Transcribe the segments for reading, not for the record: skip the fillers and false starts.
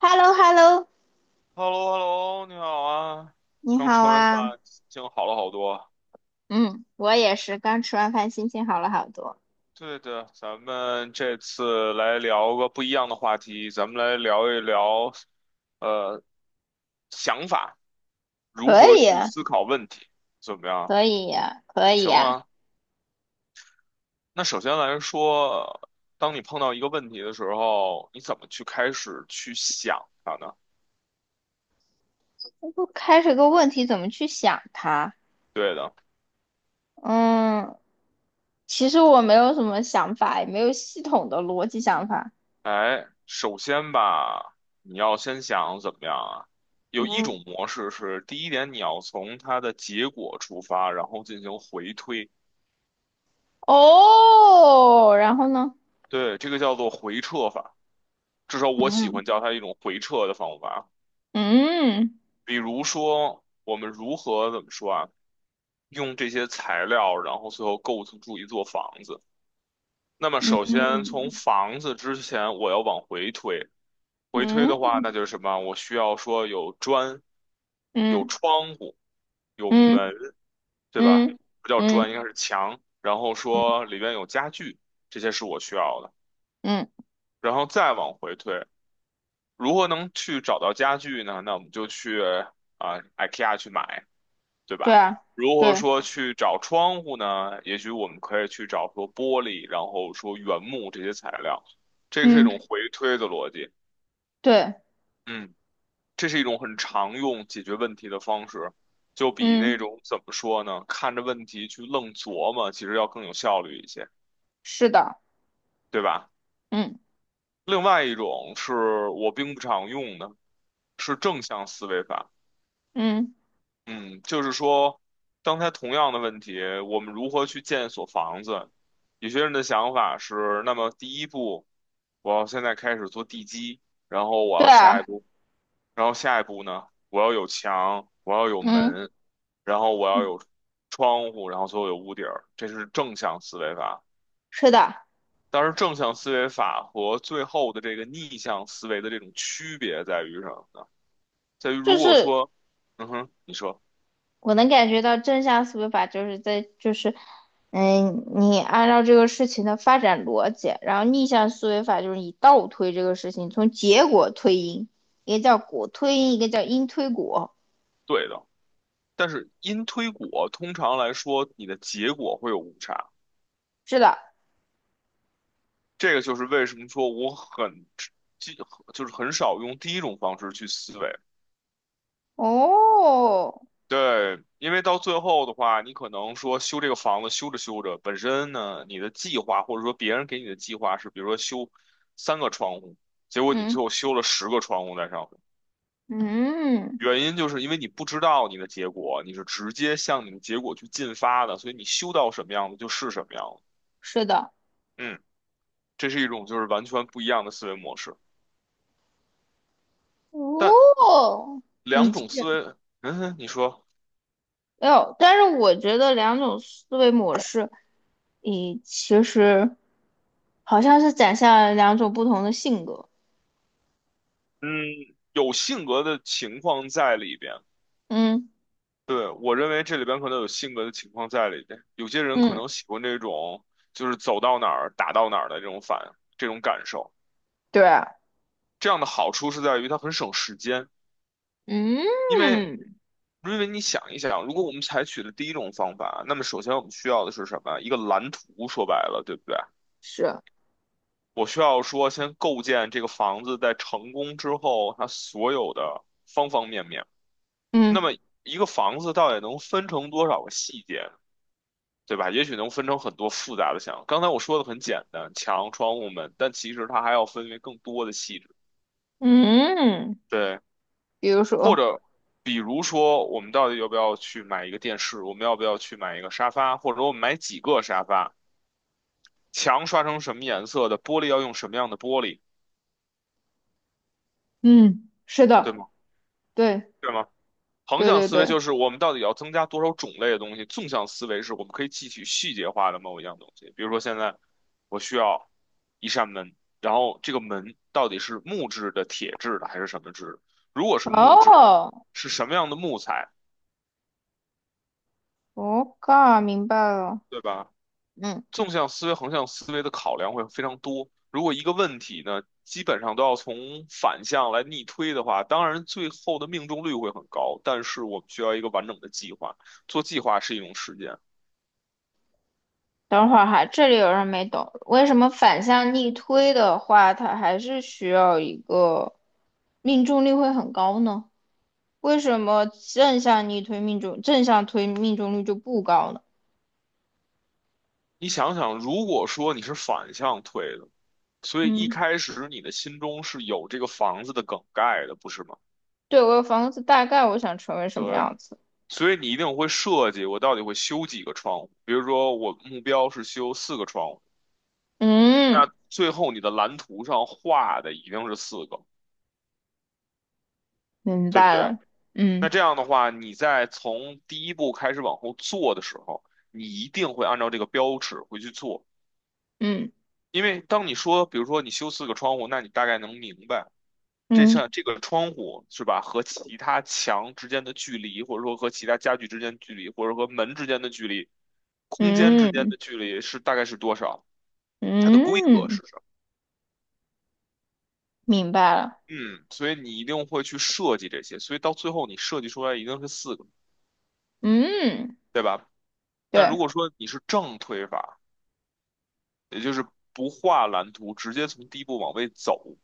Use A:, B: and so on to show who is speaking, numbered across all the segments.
A: h e l l o h e l l o
B: h e l l o Hello 你好啊，
A: 你
B: 刚吃
A: 好
B: 完饭，
A: 啊。
B: 心情好了好多。
A: 嗯，我也是，刚吃完饭，心情好了好多。
B: 对的，咱们这次来聊个不一样的话题，咱们来聊一聊，呃，想法，如
A: 可
B: 何
A: 以
B: 去
A: 啊，
B: 思考问题，怎么样？
A: 可以呀，可以
B: 行
A: 呀。
B: 啊。那首先来说，当你碰到一个问题的时候，你怎么去开始去想它呢？
A: 我不开始个问题，怎么去想它？
B: 对的。
A: 嗯，其实我没有什么想法，也没有系统的逻辑想法。
B: 哎，首先吧，你要先想怎么样啊？有一
A: 嗯，
B: 种模式是，第一点你要从它的结果出发，然后进行回推，
A: 哦，然后呢？
B: 对，这个叫做回撤法，至少我喜
A: 嗯
B: 欢叫它一种回撤的方法。
A: 嗯
B: 比如说，我们如何怎么说啊？用这些材料，然后最后构筑住一座房子。那么，首
A: 嗯
B: 先从房子之前，我要往回推，回推的话，那
A: 嗯
B: 就是什么？我需要说有砖、有
A: 嗯
B: 窗户、有
A: 嗯
B: 门，对
A: 嗯
B: 吧？
A: 嗯
B: 不叫砖，应该是墙。然后
A: 嗯
B: 说里边有家具，这些是我需要的。
A: 嗯，
B: 然后再往回推，如何能去找到家具呢？那我们就去啊、IKEA 去买，对
A: 对
B: 吧？
A: 啊，
B: 如何
A: 对，
B: 说去找窗户呢？也许我们可以去找说玻璃，然后说原木这些材料，这个是一
A: 嗯
B: 种回推的逻辑。
A: 对，
B: 嗯。这是一种很常用解决问题的方式，就比那
A: 嗯，
B: 种怎么说呢，看着问题去愣琢磨，其实要更有效率一些，
A: 是的。
B: 对吧？
A: 嗯
B: 另外一种是我并不常用的，是正向思维法。
A: 嗯，
B: 嗯，就是说，刚才同样的问题，我们如何去建一所房子？有些人的想法是，那么第一步，我要现在开始做地基，然后我
A: 对
B: 要下一
A: 啊，
B: 步然后下一步呢，我要有墙，我要有
A: 嗯，
B: 门，然后我要有窗户，然后最后有屋顶儿，这是正向思维法。
A: 是的，
B: 但是正向思维法和最后的这个逆向思维的这种区别在于什么呢？在于
A: 就
B: 如果
A: 是
B: 说，嗯哼，你说
A: 我能感觉到正向思维法就是在就是，嗯，你按照这个事情的发展逻辑，然后逆向思维法就是你倒推这个事情，从结果推因，一个叫果推因，一个叫因推果，
B: 对的，但是因推果通常来说，你的结果会有误差。
A: 是的，
B: 这个就是为什么说我很，就就是很少用第一种方式去思维。
A: 哦，
B: 对，因为到最后的话，你可能说修这个房子，修着修着，本身呢，你的计划或者说别人给你的计划是，比如说修三个窗户，结果你
A: 嗯
B: 最后修了十个窗户在上面，
A: 嗯，
B: 原因就是因为你不知道你的结果，你是直接向你的结果去进发的，所以你修到什么样子就是什么样子。
A: 是的，
B: 嗯，这是一种就是完全不一样的思维模式，但
A: 哦，你
B: 两
A: 继
B: 种思
A: 续，
B: 维，嗯，你说，
A: 哎呦但是我觉得两种思维模式，你其实。好像是展现了两种不同的性格。
B: 嗯，有性格的情况在里边。
A: 嗯
B: 对，我认为这里边可能有性格的情况在里边，有些人可
A: 嗯，
B: 能喜欢这种就是走到哪儿打到哪儿的这种反这种感受。
A: 对，
B: 这样的好处是在于它很省时间，
A: 嗯
B: 因为你想一想，如果我们采取的第一种方法，那么首先我们需要的是什么？一个蓝图，说白了，对不对？
A: 是，
B: 我需要说先构建这个房子，在成功之后，它所有的方方面面。那
A: 嗯
B: 么一个房子到底能分成多少个细节？对吧？也许能分成很多复杂的墙。刚才我说的很简单，墙、窗户、门，但其实它还要分为更多的细致。
A: 嗯
B: 对，
A: 比如
B: 或
A: 说，
B: 者比如说，我们到底要不要去买一个电视？我们要不要去买一个沙发？或者我们买几个沙发？墙刷成什么颜色的？玻璃要用什么样的玻璃？
A: 嗯，是
B: 对
A: 的，
B: 吗？
A: 对
B: 对吗？横
A: 对
B: 向
A: 对
B: 思维
A: 对，
B: 就是我们到底要增加多少种类的东西，纵向思维是我们可以汲取细节化的某一样东西。比如说现在我需要一扇门，然后这个门到底是木质的、铁质的还是什么质的？如果是木质的，
A: 哦，
B: 是什么样的木材，
A: 我靠，明白了，
B: 对吧？
A: 嗯，
B: 纵向思维、横向思维的考量会非常多。如果一个问题呢，基本上都要从反向来逆推的话，当然最后的命中率会很高，但是我们需要一个完整的计划。做计划是一种实践。
A: 等会儿哈，这里有人没懂，为什么反向逆推的话，它还是需要一个命中率会很高呢？为什么正向逆推命中，正向推命中率就不高呢？
B: 你想想，如果说你是反向推的，所以一
A: 嗯。
B: 开始你的心中是有这个房子的梗概的，不是吗？
A: 对，我有房子，大概我想成为什么
B: 对，
A: 样子？
B: 所以你一定会设计，我到底会修几个窗户？比如说，我目标是修四个窗户，
A: 嗯，
B: 最后你的蓝图上画的一定是四个，
A: 明
B: 对不
A: 白
B: 对？
A: 了。
B: 那
A: 嗯
B: 这样的话，你在从第一步开始往后做的时候，你一定会按照这个标尺回去做，
A: 嗯
B: 因为当你说，比如说你修四个窗户，那你大概能明白。这
A: 嗯
B: 扇这个窗户是吧，和其他墙之间的距离，或者说和其他家具之间的距离，或者和门之间的距离，空间之间
A: 嗯
B: 的距离是大概是多少？它的规格是
A: 嗯，
B: 什么？
A: 明白了。
B: 嗯，所以你一定会去设计这些，所以到最后你设计出来一定是四个，
A: 嗯，
B: 对吧？但如
A: 对，
B: 果说你是正推法，也就是不画蓝图，直接从第一步往位走，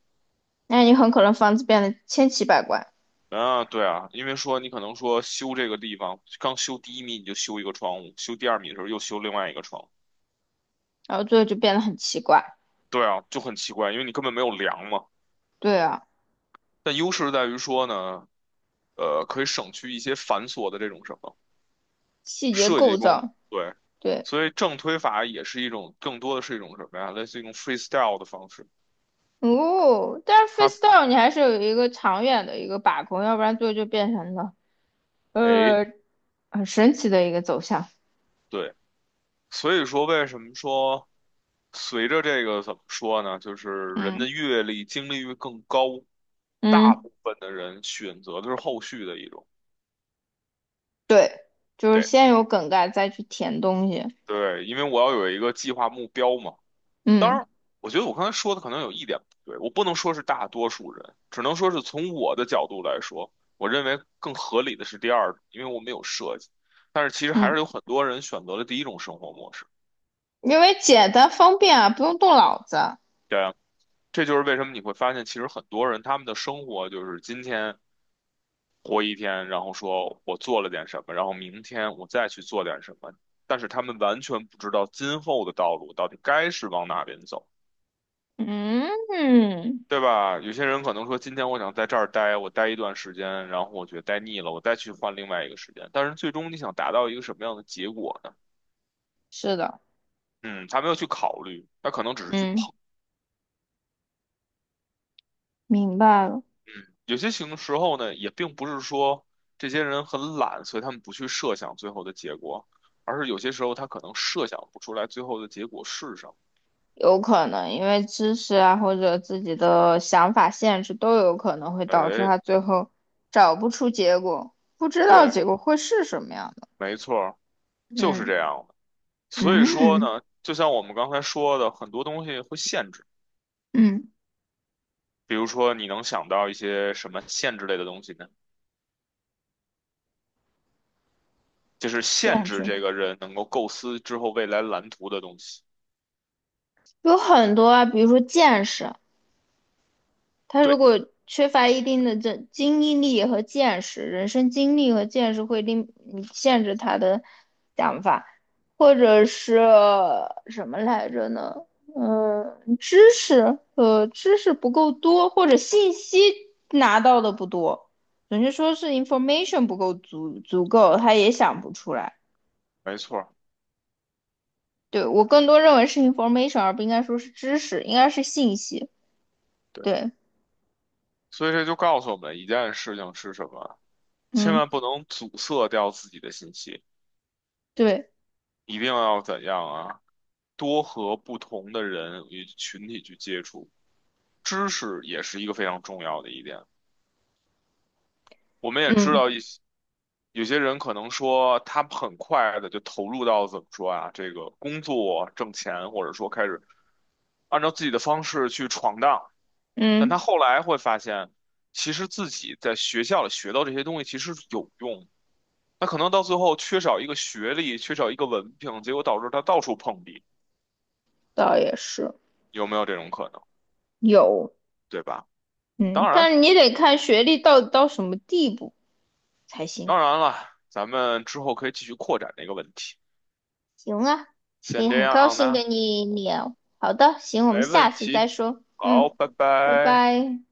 A: 那你很可能房子变得千奇百怪，
B: 啊，对啊，因为说你可能说修这个地方，刚修第一米你就修一个窗户，修第二米的时候又修另外一个窗户。
A: 然后最后就变得很奇怪。
B: 对啊，就很奇怪，因为你根本没有量嘛。
A: 对啊，
B: 但优势在于说呢，可以省去一些繁琐的这种什么
A: 细节
B: 设计
A: 构
B: 工，
A: 造，
B: 对。
A: 对。
B: 所以正推法也是一种，更多的是一种什么呀？类似于一种 freestyle 的方式。
A: 哦，但是
B: 它，
A: freestyle 你还是有一个长远的一个把控，要不然最后就变成了
B: 哎，
A: 呃很神奇的一个走向。
B: 对。所以说，为什么说随着这个怎么说呢？就是人的
A: 嗯
B: 阅历、经历越更高，大
A: 嗯。
B: 部分的人选择的是后续的一种。
A: 对，就是
B: 对
A: 先有梗概再去填东西。
B: 对，因为我要有一个计划目标嘛。当
A: 嗯
B: 然，我觉得我刚才说的可能有一点不对，我不能说是大多数人，只能说是从我的角度来说，我认为更合理的是第二种，因为我没有设计。但是其实还
A: 嗯，
B: 是有很多人选择了第一种生活模式。
A: 因为简单方便啊，不用动脑子。
B: 对啊，这就是为什么你会发现，其实很多人他们的生活就是今天活一天，然后说我做了点什么，然后明天我再去做点什么，但是他们完全不知道今后的道路到底该是往哪边走。
A: 嗯嗯，
B: 对吧？有些人可能说，今天我想在这儿待，我待一段时间，然后我觉得待腻了，我再去换另外一个时间。但是最终你想达到一个什么样的结果呢？
A: 是的，
B: 嗯，他没有去考虑，他可能只是去
A: 嗯，
B: 碰。
A: 明白了。
B: 嗯，有些情时候呢，也并不是说这些人很懒，所以他们不去设想最后的结果，而是有些时候他可能设想不出来最后的结果是什么。
A: 有可能因为知识啊或者自己的想法限制都有可能会导致
B: 哎，
A: 他最后找不出结果，不知道
B: 对，
A: 结果会是什么样的。
B: 没错儿，就是
A: 嗯
B: 这样的。所以说
A: 嗯
B: 呢，就像我们刚才说的，很多东西会限制。
A: 嗯，
B: 比如说，你能想到一些什么限制类的东西呢？就是限
A: 限
B: 制
A: 制
B: 这个人能够构思之后未来蓝图的东西。
A: 有很多啊，比如说见识。他如
B: 对，
A: 果缺乏一定的这经历和见识，人生经历和见识会令你限制他的想法，或者是什么来着呢？嗯，知识，知识不够多，或者信息拿到的不多，准确说是 information 不够足够，他也想不出来。
B: 没错儿，
A: 对，我更多认为是 information，而不应该说是知识，应该是信息。
B: 对。
A: 对，
B: 所以这就告诉我们一件事情是什么：千
A: 嗯，
B: 万不能阻塞掉自己的信息，
A: 对，
B: 一定要怎样啊？多和不同的人与群体去接触，知识也是一个非常重要的一点。我们也知
A: 嗯
B: 道一些有些人可能说他很快的就投入到怎么说啊，这个工作挣钱，或者说开始按照自己的方式去闯荡，但他
A: 嗯，
B: 后来会发现，其实自己在学校里学到这些东西其实是有用的。他可能到最后缺少一个学历，缺少一个文凭，结果导致他到处碰壁，
A: 倒也是。
B: 有没有这种可能？
A: 有，
B: 对吧？
A: 嗯，
B: 当然，
A: 但是你得看学历到底到什么地步才行。
B: 当然了，咱们之后可以继续扩展这个问题。
A: 行啊，
B: 先
A: 也
B: 这
A: 很高
B: 样
A: 兴
B: 呢，
A: 跟你聊。好的，行，我们
B: 没问
A: 下次再
B: 题。
A: 说。
B: 好，
A: 嗯，
B: 拜
A: 拜
B: 拜。
A: 拜。